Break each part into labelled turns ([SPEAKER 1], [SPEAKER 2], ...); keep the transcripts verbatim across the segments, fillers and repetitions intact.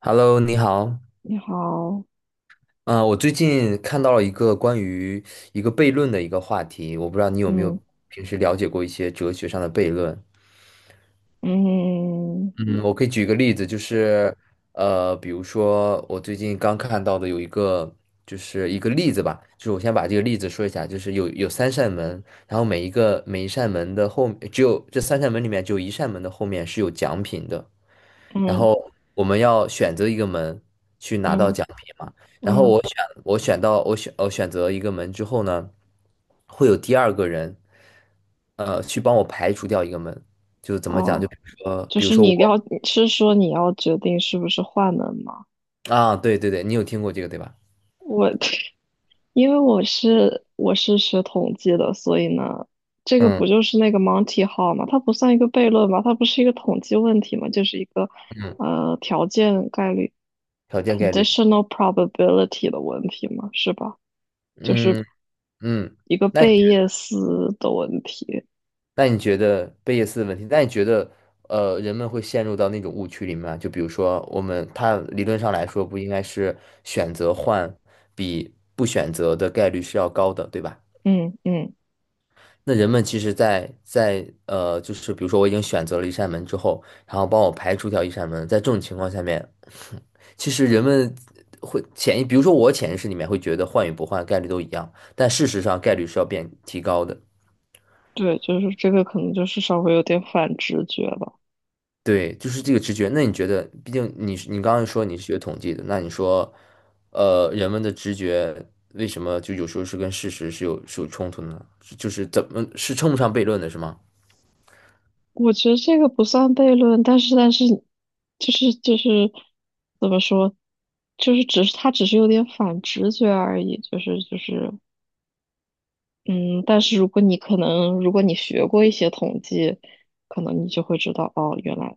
[SPEAKER 1] Hello，你好。
[SPEAKER 2] 你好，
[SPEAKER 1] 嗯、我最近看到了一个关于一个悖论的一个话题，我不知道你有没
[SPEAKER 2] 嗯
[SPEAKER 1] 有平时了解过一些哲学上的悖论。
[SPEAKER 2] 嗯
[SPEAKER 1] 嗯，我可以举个例子，就是，呃，比如说我最近刚看到的有一个，就是一个例子吧，就是我先把这个例子说一下，就是有有三扇门，然后每一个每一扇门的后，只有这三扇门里面只有一扇门的后面是有奖品的，然
[SPEAKER 2] 嗯
[SPEAKER 1] 后我们要选择一个门去拿到
[SPEAKER 2] 嗯
[SPEAKER 1] 奖品嘛，然后
[SPEAKER 2] 嗯，
[SPEAKER 1] 我选我选到我选我选择一个门之后呢，会有第二个人，呃，去帮我排除掉一个门，就是怎么讲，就
[SPEAKER 2] 哦，
[SPEAKER 1] 比如说
[SPEAKER 2] 就
[SPEAKER 1] 比如
[SPEAKER 2] 是
[SPEAKER 1] 说
[SPEAKER 2] 你
[SPEAKER 1] 我。
[SPEAKER 2] 要是说你要决定是不是换门吗？
[SPEAKER 1] 啊，对对对，你有听过这个对吧？
[SPEAKER 2] 我 因为我是我是学统计的，所以呢，这个不
[SPEAKER 1] 嗯，
[SPEAKER 2] 就是那个 Monty Hall 吗？它不算一个悖论吧？它不是一个统计问题吗？就是一个呃条件概率
[SPEAKER 1] 条件概率，
[SPEAKER 2] conditional probability 的问题嘛，是吧？就是
[SPEAKER 1] 嗯嗯，
[SPEAKER 2] 一个
[SPEAKER 1] 那你
[SPEAKER 2] 贝叶斯的问题。
[SPEAKER 1] 那你觉得贝叶斯的问题？那你觉得呃，人们会陷入到那种误区里面吗？就比如说，我们它理论上来说，不应该是选择换比不选择的概率是要高的，对吧？
[SPEAKER 2] 嗯嗯。
[SPEAKER 1] 那人们其实在，在呃，就是比如说我已经选择了一扇门之后，然后帮我排除掉一扇门，在这种情况下面，其实人们会潜意，比如说我潜意识里面会觉得换与不换概率都一样，但事实上概率是要变提高的。
[SPEAKER 2] 对，就是这个可能就是稍微有点反直觉吧。
[SPEAKER 1] 对，就是这个直觉。那你觉得，毕竟你是你刚刚说你是学统计的，那你说呃，人们的直觉为什么就有时候是跟事实是有是有冲突呢？是就是怎么是称不上悖论的，是吗？
[SPEAKER 2] 我觉得这个不算悖论，但是但是就是就是怎么说，就是只是他只是有点反直觉而已，就是就是嗯，但是如果你可能，如果你学过一些统计，可能你就会知道，哦，原来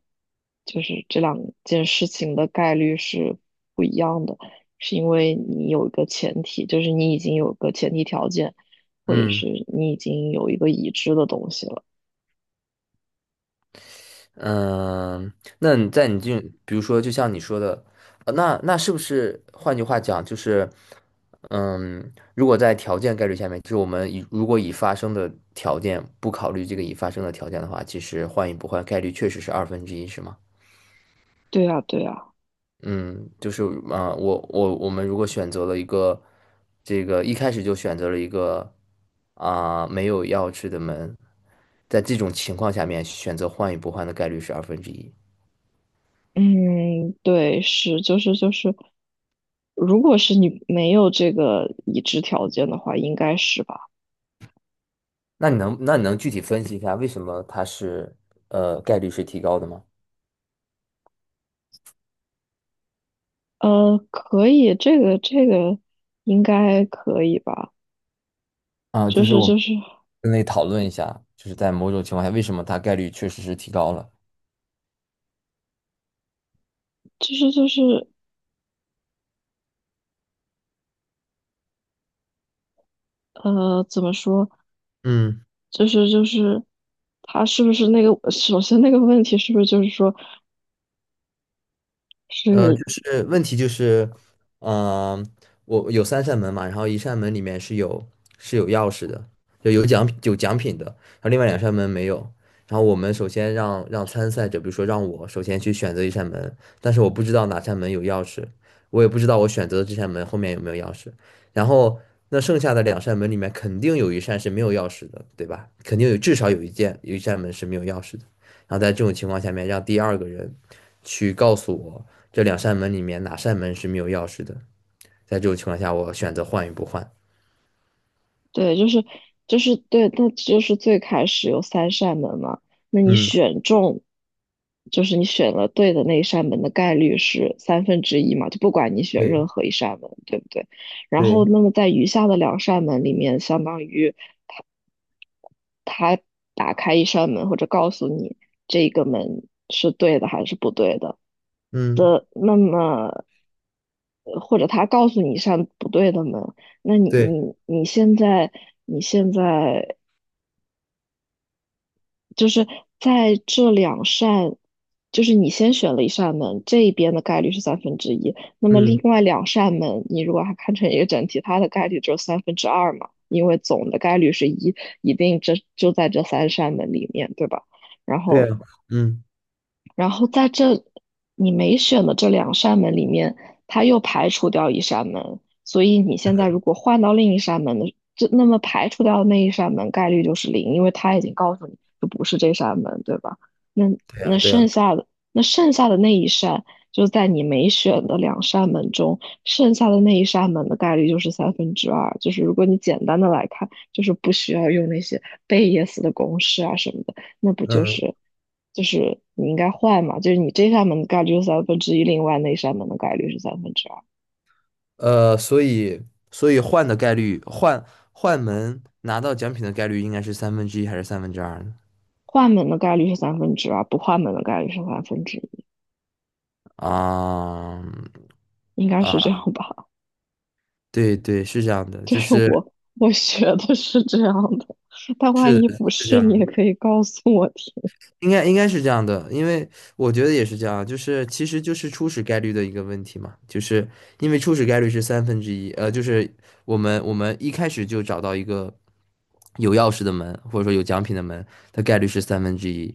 [SPEAKER 2] 就是这两件事情的概率是不一样的，是因为你有一个前提，就是你已经有个前提条件，或者
[SPEAKER 1] 嗯。
[SPEAKER 2] 是你已经有一个已知的东西了。
[SPEAKER 1] 嗯，那你在你这，比如说，就像你说的，呃那那是不是换句话讲，就是，嗯，如果在条件概率下面，就是我们以如果已发生的条件不考虑这个已发生的条件的话，其实换与不换概率确实是二分之一，是吗？
[SPEAKER 2] 对啊，对啊，
[SPEAKER 1] 嗯，就是啊、呃我我我们如果选择了一个这个一开始就选择了一个啊、没有钥匙的门，在这种情况下面选择换与不换的概率是二分之一。
[SPEAKER 2] 嗯，对，是，就是就是，如果是你没有这个已知条件的话，应该是吧？
[SPEAKER 1] 那你能那你能具体分析一下为什么它是呃概率是提高的吗？
[SPEAKER 2] 呃，可以，这个这个应该可以吧？
[SPEAKER 1] 啊，
[SPEAKER 2] 就
[SPEAKER 1] 就是
[SPEAKER 2] 是
[SPEAKER 1] 我们
[SPEAKER 2] 就是
[SPEAKER 1] 分类讨论一下，就是在某种情况下，为什么它概率确实是提高了？
[SPEAKER 2] 就是就是呃，怎么说？
[SPEAKER 1] 嗯。
[SPEAKER 2] 就是就是他是不是那个？首先那个问题是不是就是说
[SPEAKER 1] 呃，就
[SPEAKER 2] 是
[SPEAKER 1] 是问题就是，嗯、我有三扇门嘛，然后一扇门里面是有是有钥匙的，就有奖有奖品的，然后另外两扇门没有。然后我们首先让让参赛者，比如说让我首先去选择一扇门，但是我不知道哪扇门有钥匙，我也不知道我选择的这扇门后面有没有钥匙。然后那剩下的两扇门里面肯定有一扇是没有钥匙的，对吧？肯定有至少有一件有一扇门是没有钥匙的，然后在这种情况下面，让第二个人去告诉我。这两扇门里面哪扇门是没有钥匙的？在这种情况下，我选择换与不换。
[SPEAKER 2] 对，就是就是对，那就是最开始有三扇门嘛。那你
[SPEAKER 1] 嗯，
[SPEAKER 2] 选中，就是你选了对的那一扇门的概率是三分之一嘛？就不管你选
[SPEAKER 1] 对，
[SPEAKER 2] 任何一扇门，对不对？然后
[SPEAKER 1] 对，
[SPEAKER 2] 那么在余下的两扇门里面，相当于。他打开一扇门，或者告诉你这个门是对的还是不对的。
[SPEAKER 1] 嗯，
[SPEAKER 2] 那么，呃或者他告诉你一扇不对的门，那你
[SPEAKER 1] 对，
[SPEAKER 2] 你你现在你现在就是在这两扇，就是你先选了一扇门，这一边的概率是三分之一，那么
[SPEAKER 1] 嗯，
[SPEAKER 2] 另外两扇门，你如果还看成一个整体，它的概率只有三分之二嘛，因为总的概率是一，一定这就在这三扇门里面，对吧？然
[SPEAKER 1] 对
[SPEAKER 2] 后
[SPEAKER 1] 啊，嗯，
[SPEAKER 2] 然后在这你没选的这两扇门里面，它又排除掉一扇门，所以你现在如果换到另一扇门的，这那么排除掉的那一扇门概率就是零，因为它已经告诉你就不是这扇门，对吧？那
[SPEAKER 1] 对啊，
[SPEAKER 2] 那
[SPEAKER 1] 对啊，
[SPEAKER 2] 剩下的那剩下的那一扇，就在你没选的两扇门中，剩下的那一扇门的概率就是三分之二。就是如果你简单的来看，就是不需要用那些贝叶斯的公式啊什么的。那不就
[SPEAKER 1] 嗯，
[SPEAKER 2] 是就是你应该换嘛？就是你这扇门的概率是三分之一，另外那扇门的概率是三分之二。
[SPEAKER 1] 呃，所以，所以换的概率，换换门拿到奖品的概率应该是三分之一还是三分之二呢？
[SPEAKER 2] 换门的概率是三分之二，不换门的概率是三分之一，
[SPEAKER 1] 啊
[SPEAKER 2] 应该是这
[SPEAKER 1] 啊，
[SPEAKER 2] 样吧？
[SPEAKER 1] 对对，是这样 的，
[SPEAKER 2] 这
[SPEAKER 1] 就
[SPEAKER 2] 是
[SPEAKER 1] 是
[SPEAKER 2] 我我学的是这样的，但万
[SPEAKER 1] 是
[SPEAKER 2] 一
[SPEAKER 1] 的
[SPEAKER 2] 不
[SPEAKER 1] 是这
[SPEAKER 2] 是，你
[SPEAKER 1] 样
[SPEAKER 2] 也
[SPEAKER 1] 的。
[SPEAKER 2] 可以告诉我听
[SPEAKER 1] 应该应该是这样的，因为我觉得也是这样，就是其实就是初始概率的一个问题嘛，就是因为初始概率是三分之一，呃，就是我们我们一开始就找到一个有钥匙的门，或者说有奖品的门，它概率是三分之一，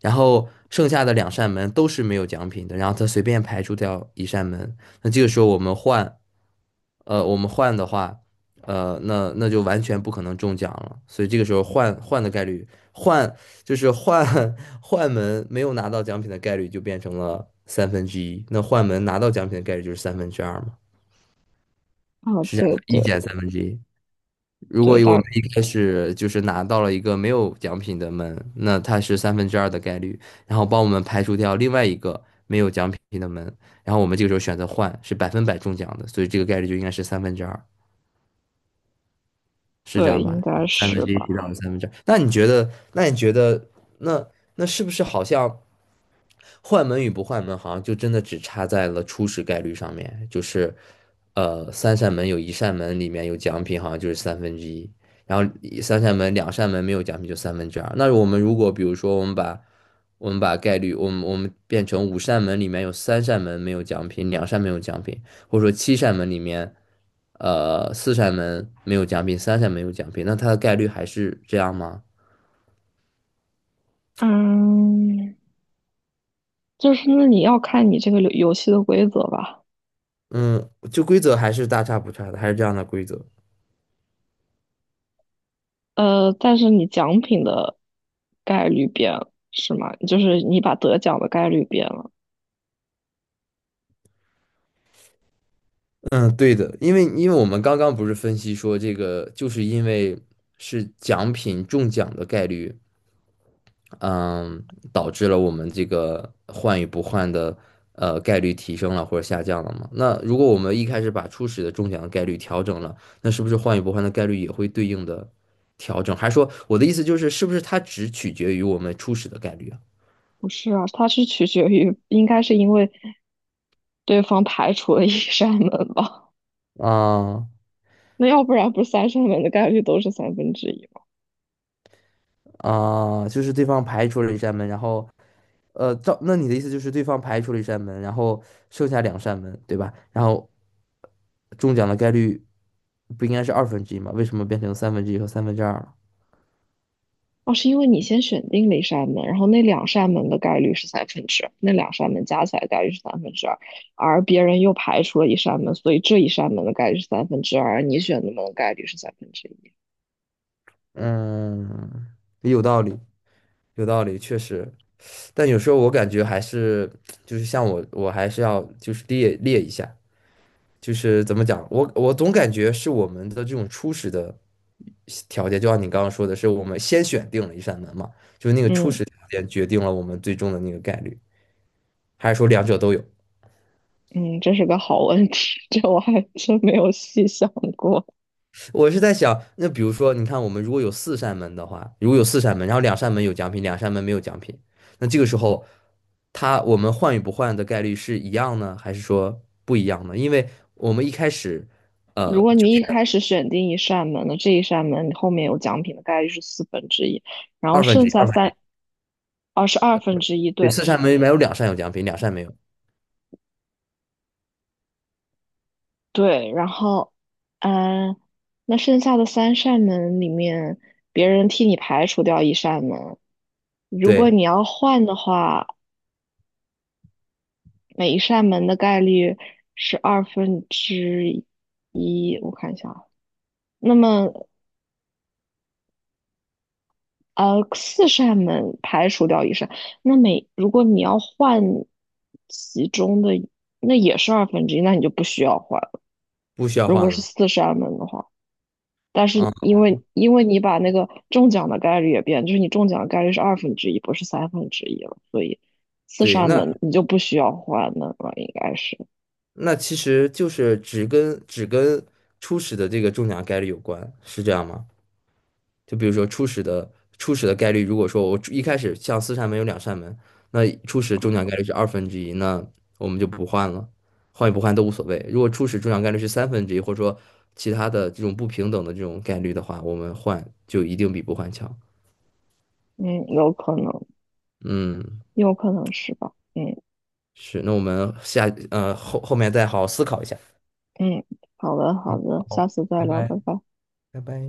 [SPEAKER 1] 然后剩下的两扇门都是没有奖品的，然后它随便排除掉一扇门，那这个时候我们换。呃，我们换的话，呃，那那就完全不可能中奖了。所以这个时候换换的概率，换就是换 换门没有拿到奖品的概率就变成了三分之一。那换门拿到奖品的概率就是三分之二嘛，
[SPEAKER 2] 啊。
[SPEAKER 1] 是这样，
[SPEAKER 2] 对
[SPEAKER 1] 一
[SPEAKER 2] 对
[SPEAKER 1] 减三分之一。如果
[SPEAKER 2] 对，
[SPEAKER 1] 我们
[SPEAKER 2] 大
[SPEAKER 1] 一开始就是拿到了一个没有奖品的门，那它是三分之二的概率，然后帮我们排除掉另外一个没有奖品的门，然后我们这个时候选择换是百分百中奖的，所以这个概率就应该是三分之二。是这
[SPEAKER 2] 对
[SPEAKER 1] 样
[SPEAKER 2] 应
[SPEAKER 1] 吧？
[SPEAKER 2] 该
[SPEAKER 1] 三分
[SPEAKER 2] 是
[SPEAKER 1] 之一提到
[SPEAKER 2] 吧？
[SPEAKER 1] 了三分之二。那你觉得？那你觉得？那那是不是好像换门与不换门，好像就真的只差在了初始概率上面？就是，呃，三扇门有一扇门里面有奖品，好像就是三分之一。然后一三扇门、两扇门没有奖品就三分之二。那我们如果比如说我们把我们把概率，我们我们变成五扇门里面有三扇门没有奖品，两扇没有奖品，或者说七扇门里面呃，四扇门没有奖品，三扇门有奖品，那它的概率还是这样吗？
[SPEAKER 2] 嗯，就是那你要看你这个游游戏的规则吧。
[SPEAKER 1] 嗯，就规则还是大差不差的，还是这样的规则。
[SPEAKER 2] 呃，但是你奖品的概率变了，是吗？就是你把得奖的概率变了，
[SPEAKER 1] 嗯，对的，因为因为我们刚刚不是分析说这个，就是因为是奖品中奖的概率嗯，导致了我们这个换与不换的呃概率提升了或者下降了嘛？那如果我们一开始把初始的中奖的概率调整了，那是不是换与不换的概率也会对应的调整？还是说我的意思就是，是不是它只取决于我们初始的概率
[SPEAKER 2] 不是啊？它是取决于，应该是因为对方排除了一 扇门吧？
[SPEAKER 1] 啊？啊
[SPEAKER 2] 那要不然不是三扇门的概率都是三分之一吗？
[SPEAKER 1] 啊，就是对方排除了一扇门，然后呃，照，那你的意思就是对方排除了一扇门，然后剩下两扇门，对吧？然后中奖的概率不应该是二分之一吗？为什么变成三分之一和三分之二了？
[SPEAKER 2] 哦，是因为你先选定了一扇门，然后那两扇门的概率是三分之那两扇门加起来的概率是三分之二，而别人又排除了一扇门，所以这一扇门的概率是三分之二，而你选的门的概率是三分之一。
[SPEAKER 1] 嗯，有道理，有道理，确实。但有时候我感觉还是，就是像我，我还是要就是列列一下，就是怎么讲，我我总感觉是我们的这种初始的条件，就像你刚刚说的是，我们先选定了一扇门嘛，就是那个初
[SPEAKER 2] 嗯。
[SPEAKER 1] 始条件决定了我们最终的那个概率，还是说两者都有？
[SPEAKER 2] 嗯，这是个好问题，这我还真没有细想过。
[SPEAKER 1] 我是在想，那比如说，你看我们如果有四扇门的话，如果有四扇门，然后两扇门有奖品，两扇门没有奖品，那这个时候，它我们换与不换的概率是一样呢，还是说不一样呢？因为我们一开始，呃，
[SPEAKER 2] 如果
[SPEAKER 1] 就
[SPEAKER 2] 你
[SPEAKER 1] 是
[SPEAKER 2] 一开始选定一扇门那这一扇门你后面有奖品的概率是四分之一，然后
[SPEAKER 1] 二分之
[SPEAKER 2] 剩
[SPEAKER 1] 一，
[SPEAKER 2] 下
[SPEAKER 1] 二分之一，
[SPEAKER 2] 三，哦，是二分之一，
[SPEAKER 1] 对，
[SPEAKER 2] 对
[SPEAKER 1] 四扇门里面有两扇有奖品，两扇没有，
[SPEAKER 2] 对，然后，嗯，那剩下的三扇门里面，别人替你排除掉一扇门，如果你
[SPEAKER 1] 对，
[SPEAKER 2] 要换的话，每一扇门的概率是二分之一，我看一下啊。那么呃，四扇门排除掉一扇，那每如果你要换其中的，那也是二分之一，那你就不需要换了。
[SPEAKER 1] 不需要
[SPEAKER 2] 如果
[SPEAKER 1] 换了
[SPEAKER 2] 是
[SPEAKER 1] 嘛？
[SPEAKER 2] 四扇门的话，但
[SPEAKER 1] 啊，
[SPEAKER 2] 是因为因为你把那个中奖的概率也变，就是你中奖的概率是二分之一，不是三分之一了，所以四
[SPEAKER 1] 对，
[SPEAKER 2] 扇
[SPEAKER 1] 那
[SPEAKER 2] 门你就不需要换的了，应该是，
[SPEAKER 1] 那其实就是只跟只跟初始的这个中奖概率有关，是这样吗？就比如说初始的初始的概率，如果说我一开始像四扇门有两扇门，那初始中奖概率是二分之一，那我们就不换了，换与不换都无所谓。如果初始中奖概率是三分之一，或者说其他的这种不平等的这种概率的话，我们换就一定比不换强。
[SPEAKER 2] 嗯，有可能，
[SPEAKER 1] 嗯，
[SPEAKER 2] 有可能是吧，嗯
[SPEAKER 1] 是，那我们下呃后后面再好好思考一下。
[SPEAKER 2] 嗯，好的好的，下
[SPEAKER 1] 好，
[SPEAKER 2] 次再
[SPEAKER 1] 拜
[SPEAKER 2] 聊，
[SPEAKER 1] 拜，
[SPEAKER 2] 拜拜。
[SPEAKER 1] 拜拜。